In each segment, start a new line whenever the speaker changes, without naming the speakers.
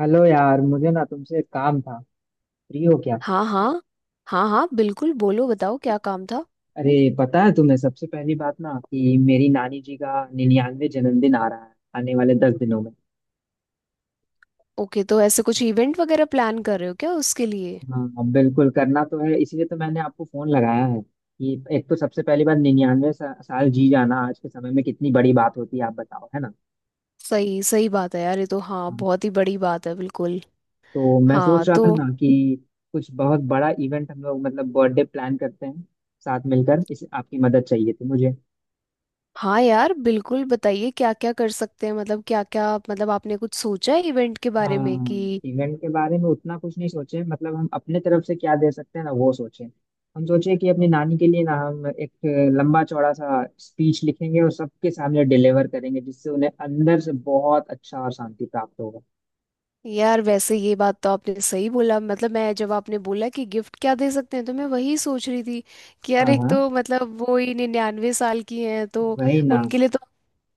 Hello यार, मुझे ना तुमसे एक काम था। फ्री हो क्या?
हाँ हाँ, हाँ हाँ, बिल्कुल बोलो बताओ क्या काम था?
अरे, पता है तुम्हें सबसे पहली बात ना कि मेरी नानी जी का 99वां जन्मदिन आ रहा है, आने वाले 10 दिनों में।
ओके तो ऐसे कुछ इवेंट वगैरह प्लान कर रहे हो क्या उसके लिए?
हाँ बिल्कुल, करना तो है, इसीलिए तो मैंने आपको फोन लगाया है कि एक तो सबसे पहली बात, 99 साल जी जाना आज के समय में कितनी बड़ी बात होती है, आप बताओ, है ना।
सही सही बात है यार, ये तो हाँ
हाँ,
बहुत ही बड़ी बात है बिल्कुल।
तो मैं
हाँ
सोच रहा था
तो।
ना कि कुछ बहुत बड़ा इवेंट हम लोग मतलब बर्थडे प्लान करते हैं, साथ मिलकर। इस आपकी मदद चाहिए थी मुझे।
हाँ यार बिल्कुल बताइए क्या क्या कर सकते हैं, मतलब क्या क्या, मतलब आपने कुछ सोचा है इवेंट के बारे में
हाँ,
कि।
इवेंट के बारे में उतना कुछ नहीं सोचे, मतलब हम अपने तरफ से क्या दे सकते हैं ना वो सोचे। हम सोचे कि अपनी नानी के लिए ना हम एक लंबा चौड़ा सा स्पीच लिखेंगे और सबके सामने डिलीवर करेंगे, जिससे उन्हें अंदर से बहुत अच्छा और शांति प्राप्त होगा।
यार वैसे ये बात तो आपने सही बोला, मतलब मैं जब आपने बोला कि गिफ्ट क्या दे सकते हैं तो मैं वही सोच रही थी कि यार,
हाँ
एक
हाँ,
तो मतलब वो ही 99 साल की हैं तो।
वही ना।
उनके लिए तो,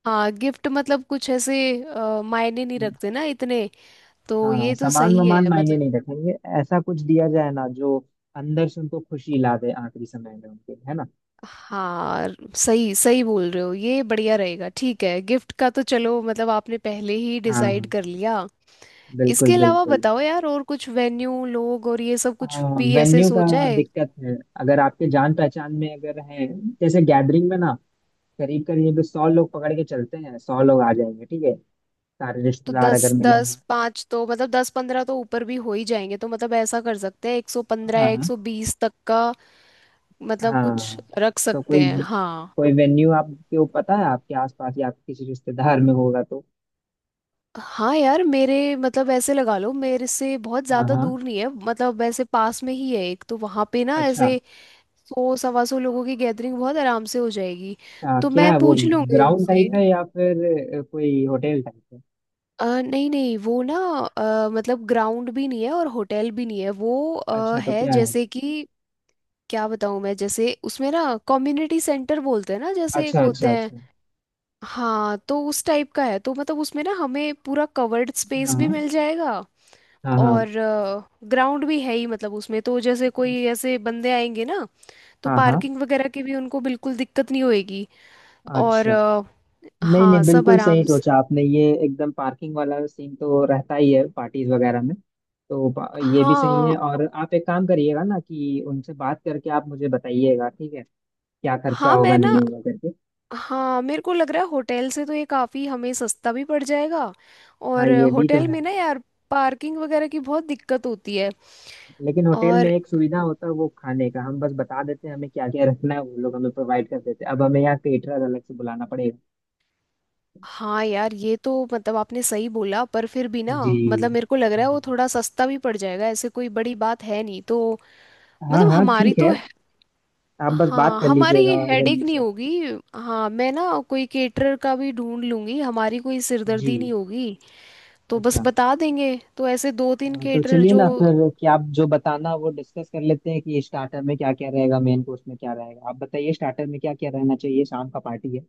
हाँ गिफ्ट मतलब कुछ ऐसे मायने नहीं रखते ना इतने, तो
हाँ,
ये तो
सामान
सही
वामान
है
मायने
मतलब।
नहीं रखेंगे। ऐसा कुछ दिया जाए ना जो अंदर से उनको खुशी ला दे, आखिरी समय में उनके, है ना।
हाँ सही सही बोल रहे हो, ये बढ़िया रहेगा। ठीक है, गिफ्ट का तो चलो, मतलब आपने पहले ही डिसाइड
हाँ
कर लिया। इसके
बिल्कुल
अलावा
बिल्कुल।
बताओ यार, और कुछ वेन्यू लोग और ये सब कुछ
हाँ,
भी ऐसे
वेन्यू का
सोचा है?
दिक्कत है। अगर आपके जान पहचान में अगर है, जैसे गैदरिंग में ना करीब करीब 100 लोग पकड़ के चलते हैं। 100 लोग आ जाएंगे, ठीक है, सारे
तो
रिश्तेदार अगर
दस दस
मिलेंगे।
पाँच तो, मतलब 10-15 तो ऊपर भी हो ही जाएंगे, तो मतलब ऐसा कर सकते हैं 115
हाँ
या एक
हाँ।
सौ बीस तक का। मतलब कुछ
हाँ
रख
तो
सकते
कोई
हैं हाँ।
कोई वेन्यू आपके वो पता है, आपके आसपास या आपके किसी रिश्तेदार में होगा तो।
हाँ यार मेरे, मतलब ऐसे लगा लो, मेरे से बहुत
हाँ
ज्यादा
हाँ।
दूर नहीं है, मतलब वैसे पास में ही है एक तो। वहां पे ना
अच्छा।
ऐसे 100-125 लोगों की गैदरिंग बहुत आराम से हो जाएगी।
अच्छा
तो
क्या
मैं
है वो?
पूछ लूंगी
ग्राउंड
उनसे।
टाइप है या फिर कोई होटल टाइप है?
नहीं नहीं वो ना, मतलब ग्राउंड भी नहीं है और होटल भी नहीं है, वो
अच्छा, तो
है
क्या है?
जैसे कि क्या बताऊं मैं, जैसे उसमें ना कम्युनिटी सेंटर बोलते हैं ना जैसे, एक
अच्छा अच्छा
होते हैं
अच्छा।
हाँ, तो उस टाइप का है। तो मतलब उसमें ना हमें पूरा कवर्ड स्पेस भी
हाँ।
मिल जाएगा
हाँ हाँ।
और ग्राउंड भी है ही, मतलब उसमें तो जैसे कोई ऐसे बंदे आएंगे ना तो
हाँ हाँ।
पार्किंग वगैरह की भी उनको बिल्कुल दिक्कत नहीं होएगी। और
अच्छा। नहीं नहीं,
हाँ, सब
बिल्कुल सही
आराम से।
सोचा आपने, ये एकदम। पार्किंग वाला सीन तो रहता ही है पार्टीज वगैरह में। तो पा- ये भी सही है।
हाँ
और आप एक काम करिएगा ना कि उनसे बात करके आप मुझे बताइएगा, ठीक है, क्या खर्चा
हाँ
होगा
मैं ना,
नहीं होगा करके।
हाँ मेरे को लग रहा है होटल से तो ये काफ़ी हमें सस्ता भी पड़ जाएगा।
हाँ,
और
ये भी तो
होटल में
है।
ना यार पार्किंग वगैरह की बहुत दिक्कत होती है।
लेकिन होटल में
और
एक सुविधा होता है, वो खाने का हम बस बता देते हैं हमें क्या क्या रखना है, वो लोग हमें प्रोवाइड कर देते हैं। अब हमें यहाँ केटरर अलग से बुलाना पड़ेगा।
हाँ यार, ये तो मतलब आपने सही बोला पर फिर भी ना,
जी।
मतलब मेरे को लग रहा है वो
हाँ,
थोड़ा सस्ता भी पड़ जाएगा, ऐसे कोई बड़ी बात है नहीं तो।
हाँ
मतलब
हाँ
हमारी
ठीक है।
तो,
आप बस बात
हाँ
कर
हमारी
लीजिएगा
ये हेडेक
वेन्यू
नहीं
से।
होगी। हाँ मैं ना कोई केटरर का भी ढूंढ लूंगी, हमारी कोई
जी।
सिरदर्दी नहीं होगी। तो बस
अच्छा।
बता देंगे, तो ऐसे दो तीन
हाँ, तो
केटरर
चलिए
जो।
ना फिर कि आप जो बताना वो डिस्कस कर लेते हैं कि स्टार्टर में क्या क्या रहेगा, मेन कोर्स में क्या रहेगा। आप बताइए, स्टार्टर में क्या क्या रहना चाहिए, शाम का पार्टी है।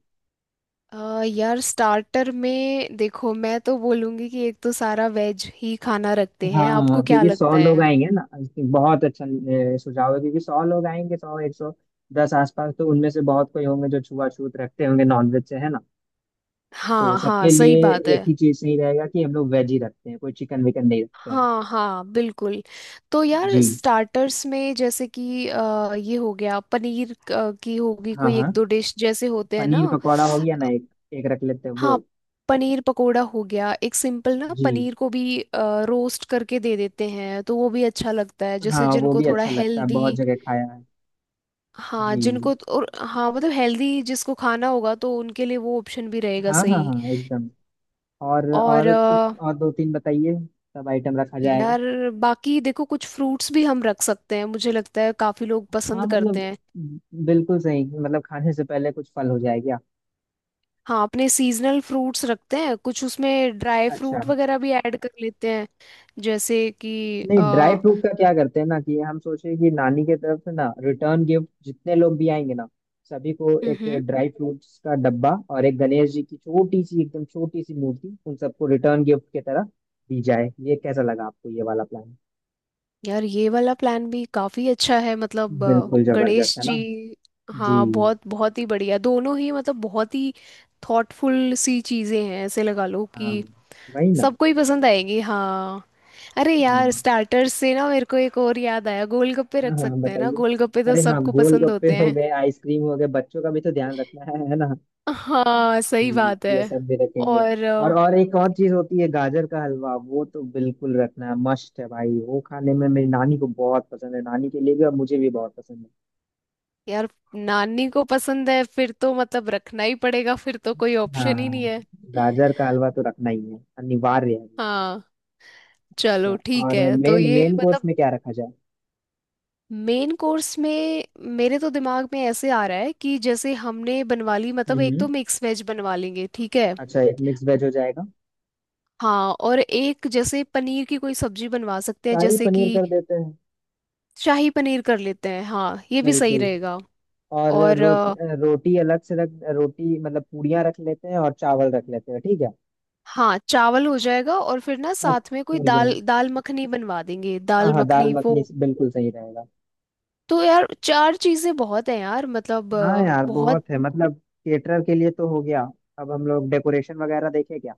यार स्टार्टर में देखो, मैं तो बोलूंगी कि एक तो सारा वेज ही खाना रखते हैं,
हाँ,
आपको क्या
क्योंकि सौ
लगता
लोग
है?
आएंगे ना। बहुत अच्छा सुझाव है, क्योंकि सौ लोग आएंगे, 100, 110 आसपास, तो उनमें से बहुत कोई होंगे जो छुआछूत रखते होंगे नॉनवेज से, है ना। तो
हाँ हाँ
सबके
सही
लिए
बात
एक
है।
ही चीज सही रहेगा कि हम लोग वेज ही रखते हैं, कोई चिकन विकन नहीं रखते हैं।
हाँ हाँ बिल्कुल। तो यार
जी।
स्टार्टर्स में जैसे कि ये हो गया पनीर, की होगी,
हाँ
कोई
हाँ।
एक दो डिश जैसे होते हैं
पनीर
ना।
पकौड़ा हो गया ना एक। एक रख लेते हैं वो।
हाँ पनीर पकोड़ा हो गया, एक सिंपल ना
जी।
पनीर को भी रोस्ट करके दे देते हैं तो वो भी अच्छा लगता है,
हाँ,
जैसे
वो
जिनको
भी
थोड़ा
अच्छा लगता है, बहुत
हेल्दी।
जगह खाया है।
हाँ
जी।
जिनको और हाँ मतलब हेल्दी जिसको खाना होगा तो उनके लिए वो ऑप्शन भी रहेगा,
हाँ हाँ
सही।
हाँ एकदम।
और
और कुछ, और दो तीन बताइए। सब आइटम रखा जाएगा।
यार बाकी देखो, कुछ फ्रूट्स भी हम रख सकते हैं, मुझे लगता है काफी लोग
हाँ
पसंद करते
मतलब
हैं।
बिल्कुल सही, मतलब खाने से पहले कुछ फल हो जाए क्या।
हाँ अपने सीजनल फ्रूट्स रखते हैं, कुछ उसमें ड्राई
अच्छा।
फ्रूट वगैरह भी ऐड कर लेते हैं, जैसे कि
नहीं, ड्राई फ्रूट का क्या करते हैं ना कि हम सोचे कि नानी के तरफ से ना रिटर्न गिफ्ट, जितने लोग भी आएंगे ना सभी को एक
हम्म
ड्राई फ्रूट्स का डब्बा और एक गणेश जी की छोटी सी, एकदम छोटी सी मूर्ति उन सबको रिटर्न गिफ्ट की तरह दी जाए। ये कैसा लगा आपको, ये वाला प्लान?
यार, ये वाला प्लान भी काफी अच्छा है, मतलब
बिल्कुल जबरदस्त
गणेश
है
जी।
ना। जी।
हाँ बहुत बहुत ही बढ़िया दोनों ही, मतलब बहुत ही थॉटफुल सी चीजें हैं, ऐसे लगा लो कि
हाँ, वही ना।
सबको ही पसंद आएगी हाँ। अरे यार
हम्म,
स्टार्टर्स से ना मेरे को एक और याद आया, गोलगप्पे
हाँ
रख
हाँ
सकते हैं ना,
बताइए।
गोलगप्पे तो
अरे हाँ,
सबको पसंद
गोलगप्पे
होते
हो
हैं।
गए, आइसक्रीम हो गए, बच्चों का भी तो ध्यान रखना है ना।
हाँ सही बात है।
ये सब भी रखेंगे।
और
और एक और चीज होती है, गाजर का हलवा। वो तो बिल्कुल रखना है, मस्ट है भाई। वो खाने में मेरी नानी को बहुत पसंद है, नानी के लिए भी और मुझे भी बहुत पसंद है।
यार नानी को पसंद है फिर तो, मतलब रखना ही पड़ेगा, फिर तो कोई ऑप्शन ही नहीं
हाँ,
है
गाजर का हलवा तो रखना ही है, अनिवार्य है।
हाँ। चलो
अच्छा।
ठीक
और
है तो
मेन
ये
मेन कोर्स
मतलब।
में क्या रखा जाए?
मेन कोर्स में मेरे तो दिमाग में ऐसे आ रहा है कि जैसे हमने बनवा ली, मतलब एक तो
हम्म।
मिक्स वेज बनवा लेंगे ठीक है।
अच्छा, एक मिक्स वेज हो जाएगा।
हाँ और एक जैसे पनीर की कोई सब्जी बनवा सकते हैं
शाही
जैसे
पनीर
कि,
कर देते हैं।
शाही पनीर कर लेते हैं हाँ, ये भी सही
बिल्कुल।
रहेगा।
और
और
रोटी अलग से रख, रोटी मतलब पूड़ियाँ रख लेते हैं, और चावल रख लेते हैं, ठीक है।
हाँ चावल हो जाएगा और फिर ना
और
साथ में कोई
पूड़ियाँ।
दाल दाल मखनी बनवा देंगे,
हाँ
दाल
हाँ, दाल
मखनी वो।
मखनी से बिल्कुल सही रहेगा।
तो यार चार चीजें बहुत हैं यार, मतलब
हाँ यार
बहुत।
बहुत है मतलब। केटरर के लिए तो हो गया। अब हम लोग डेकोरेशन वगैरह देखें क्या?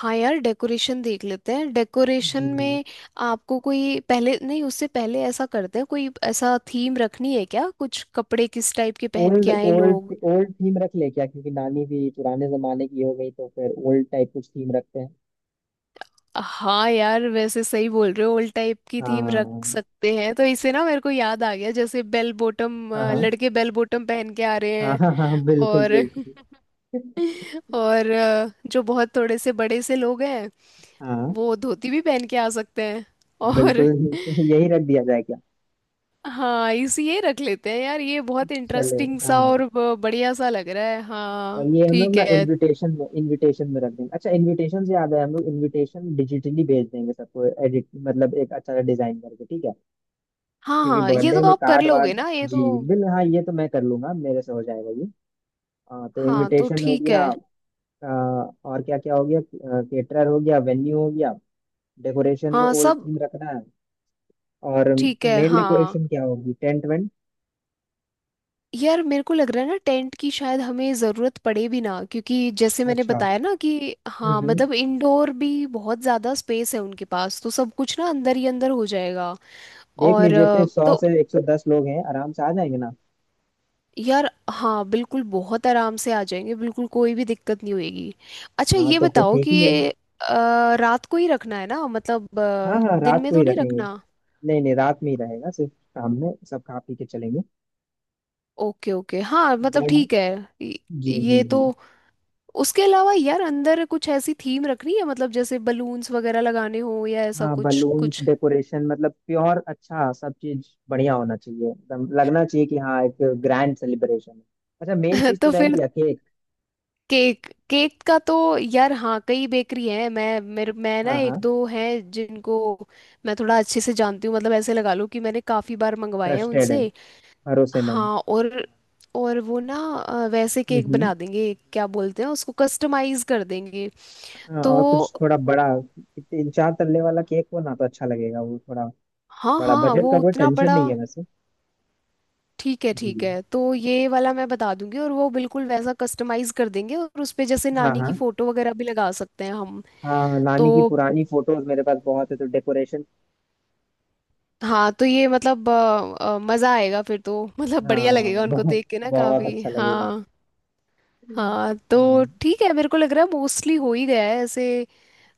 हाँ यार डेकोरेशन देख लेते हैं। डेकोरेशन
जी।
में आपको कोई पहले नहीं, उससे पहले ऐसा करते हैं, कोई ऐसा थीम रखनी है क्या, कुछ कपड़े किस टाइप के पहन
ओल्ड
के आए
ओल्ड।
लोग?
ओल्ड थीम रख ले क्या, क्योंकि नानी भी पुराने जमाने की हो गई, तो फिर ओल्ड टाइप कुछ थीम रखते हैं।
हाँ यार वैसे सही बोल रहे हो, ओल्ड टाइप की थीम रख
हाँ
सकते हैं, तो इसे ना मेरे को याद आ गया, जैसे बेल बॉटम,
हाँ। हाँ
लड़के बेल बॉटम पहन के आ रहे
हाँ।
हैं।
हाँ हाँ बिल्कुल
और
बिल्कुल।
और जो बहुत थोड़े से बड़े से लोग हैं,
हाँ
वो धोती भी पहन के आ सकते हैं। और
बिल्कुल। यही रख दिया जाए क्या?
हाँ, इसी ये रख लेते हैं यार, ये बहुत
चले।
इंटरेस्टिंग सा
हाँ,
और बढ़िया सा लग रहा है
और
हाँ
ये हम लोग
ठीक
ना
है।
इनविटेशन में रख देंगे। अच्छा, इनविटेशन से याद है, हम लोग इनविटेशन डिजिटली भेज देंगे सबको, एडिट मतलब एक अच्छा सा डिजाइन करके, ठीक है।
हाँ
क्योंकि
हाँ ये
बर्थडे
तो
में
आप कर
कार्ड
लोगे
वार्ड।
ना ये
जी।
तो।
बिल हाँ, ये तो मैं कर लूंगा, मेरे से हो जाएगा ये। हाँ, तो
हाँ तो
इनविटेशन हो
ठीक
गया।
है,
अ, और क्या क्या हो गया, केटरर हो गया, वेन्यू हो गया, डेकोरेशन में
हाँ
ओल्ड
सब
थीम रखना है। और
ठीक है।
मेन
हाँ
डेकोरेशन क्या होगी, टेंट वेंट?
यार मेरे को लग रहा है ना, टेंट की शायद हमें ज़रूरत पड़े भी ना, क्योंकि जैसे मैंने
अच्छा।
बताया ना कि हाँ
हम्म।
मतलब इंडोर भी बहुत ज़्यादा स्पेस है उनके पास, तो सब कुछ ना अंदर ही अंदर हो जाएगा।
देख
और
लीजिए फिर, सौ
तो
से एक सौ दस लोग हैं, आराम से आ जाएंगे ना।
यार हाँ बिल्कुल बहुत आराम से आ जाएंगे, बिल्कुल कोई भी दिक्कत नहीं होगी। अच्छा
हाँ,
ये
तो फिर
बताओ
ठीक
कि
ही है।
रात को ही रखना है ना, मतलब
हाँ हाँ,
दिन
रात
में
को ही
तो नहीं
रखेंगे।
रखना?
नहीं नहीं, रात में ही रहेगा, सिर्फ शाम में सब खा पी के चलेंगे।
ओके ओके हाँ मतलब
बट।
ठीक है। ये
जी जी
ये तो
जी।
उसके अलावा यार अंदर कुछ ऐसी थीम रखनी है, मतलब जैसे बलून्स वगैरह लगाने हो या ऐसा
हाँ,
कुछ
बलून्स
कुछ।
डेकोरेशन, मतलब प्योर अच्छा सब चीज बढ़िया होना चाहिए, एकदम लगना चाहिए कि हाँ एक ग्रैंड सेलिब्रेशन है। अच्छा, मेन चीज तो
तो फिर
रहेगी केक।
केक केक का तो यार हाँ, कई बेकरी हैं, मैं ना
हाँ
एक
हाँ।
दो हैं जिनको मैं थोड़ा अच्छे से जानती हूँ, मतलब ऐसे लगा लो कि मैंने काफ़ी बार मंगवाए हैं
ट्रस्टेड है,
उनसे।
भरोसेमंद।
हाँ और वो ना वैसे
हम्म
केक
हम्म।
बना देंगे, क्या बोलते हैं उसको, कस्टमाइज कर देंगे।
हाँ, और कुछ
तो
थोड़ा बड़ा, तीन चार तल्ले वाला केक हो ना तो अच्छा लगेगा, वो थोड़ा
हाँ
बड़ा।
हाँ
बजट
वो
का कोई
उतना
टेंशन
बड़ा।
नहीं है वैसे।
ठीक है
जी।
ठीक है, तो ये वाला मैं बता दूंगी और वो बिल्कुल वैसा कस्टमाइज कर देंगे, और उस पे जैसे
हाँ
नानी
हाँ।
की फोटो वगैरह भी लगा सकते हैं हम।
हाँ,
तो
नानी की पुरानी फोटोज मेरे पास बहुत है, तो डेकोरेशन।
हाँ तो ये मतलब मजा आएगा फिर तो, मतलब बढ़िया
हाँ
लगेगा उनको
बहुत।
देख के ना
बहुत
काफी
अच्छा लगेगा।
हाँ।
हम्म।
हाँ तो
हाँ,
ठीक है, मेरे को लग रहा है मोस्टली हो ही गया है ऐसे।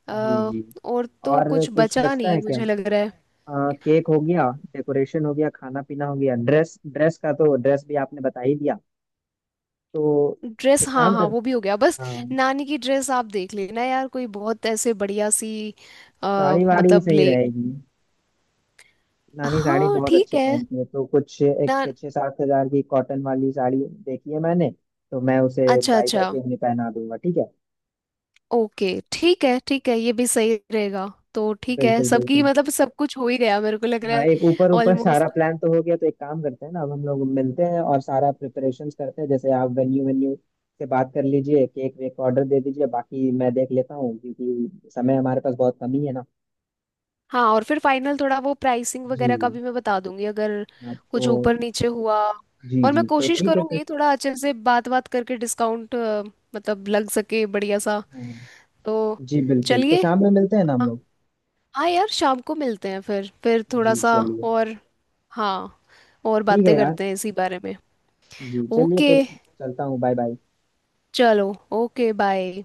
अ,
जी जी।
और तो
और
कुछ
कुछ
बचा
बचता
नहीं
है क्या?
मुझे लग रहा है।
केक हो गया, डेकोरेशन हो गया, खाना पीना हो गया, ड्रेस, ड्रेस का तो ड्रेस भी आपने बता ही दिया। तो
ड्रेस
एक
हाँ
काम
हाँ
कर।
वो भी हो गया बस,
हाँ।
नानी की ड्रेस आप देख लेना यार, कोई बहुत ऐसे बढ़िया सी
साड़ी वाड़ी
मतलब
सही
ले।
रहेगी। नानी साड़ी
हाँ
बहुत
ठीक
अच्छे
है
पहनती है, तो कुछ
ना।
एक 6-7 हज़ार की कॉटन वाली साड़ी देखी है मैंने, तो मैं उसे
अच्छा
बाई
अच्छा।
करके उन्हें पहना दूंगा, ठीक है।
ओके। ठीक है ठीक है, ये भी सही रहेगा। तो ठीक है,
बिल्कुल
सबकी
बिल्कुल।
मतलब सब कुछ हो ही गया मेरे को लग रहा
हाँ,
है,
एक ऊपर ऊपर सारा
ऑलमोस्ट।
प्लान तो हो गया, तो एक काम करते हैं ना अब हम लोग मिलते हैं और सारा प्रिपरेशंस करते हैं। जैसे आप वेन्यू, वेन्यू से बात कर लीजिए, केक वेक का ऑर्डर दे दीजिए, बाकी मैं देख लेता हूँ, क्योंकि समय हमारे पास बहुत कम ही है ना।
हाँ और फिर फाइनल थोड़ा वो प्राइसिंग
जी।
वगैरह का भी मैं बता दूंगी, अगर
हाँ
कुछ
तो।
ऊपर नीचे हुआ।
जी
और मैं
जी तो
कोशिश
ठीक है फिर।
करूंगी थोड़ा अच्छे से बात बात करके डिस्काउंट मतलब लग सके, बढ़िया सा
हाँ।
तो।
जी बिल्कुल, तो
चलिए
शाम में मिलते हैं ना हम
हाँ,
लोग।
हाँ यार शाम को मिलते हैं फिर
जी
थोड़ा सा,
चलिए।
और हाँ और
ठीक है
बातें
यार।
करते हैं इसी बारे में।
जी चलिए
ओके
फिर। चलता हूँ, बाय बाय।
चलो, ओके बाय।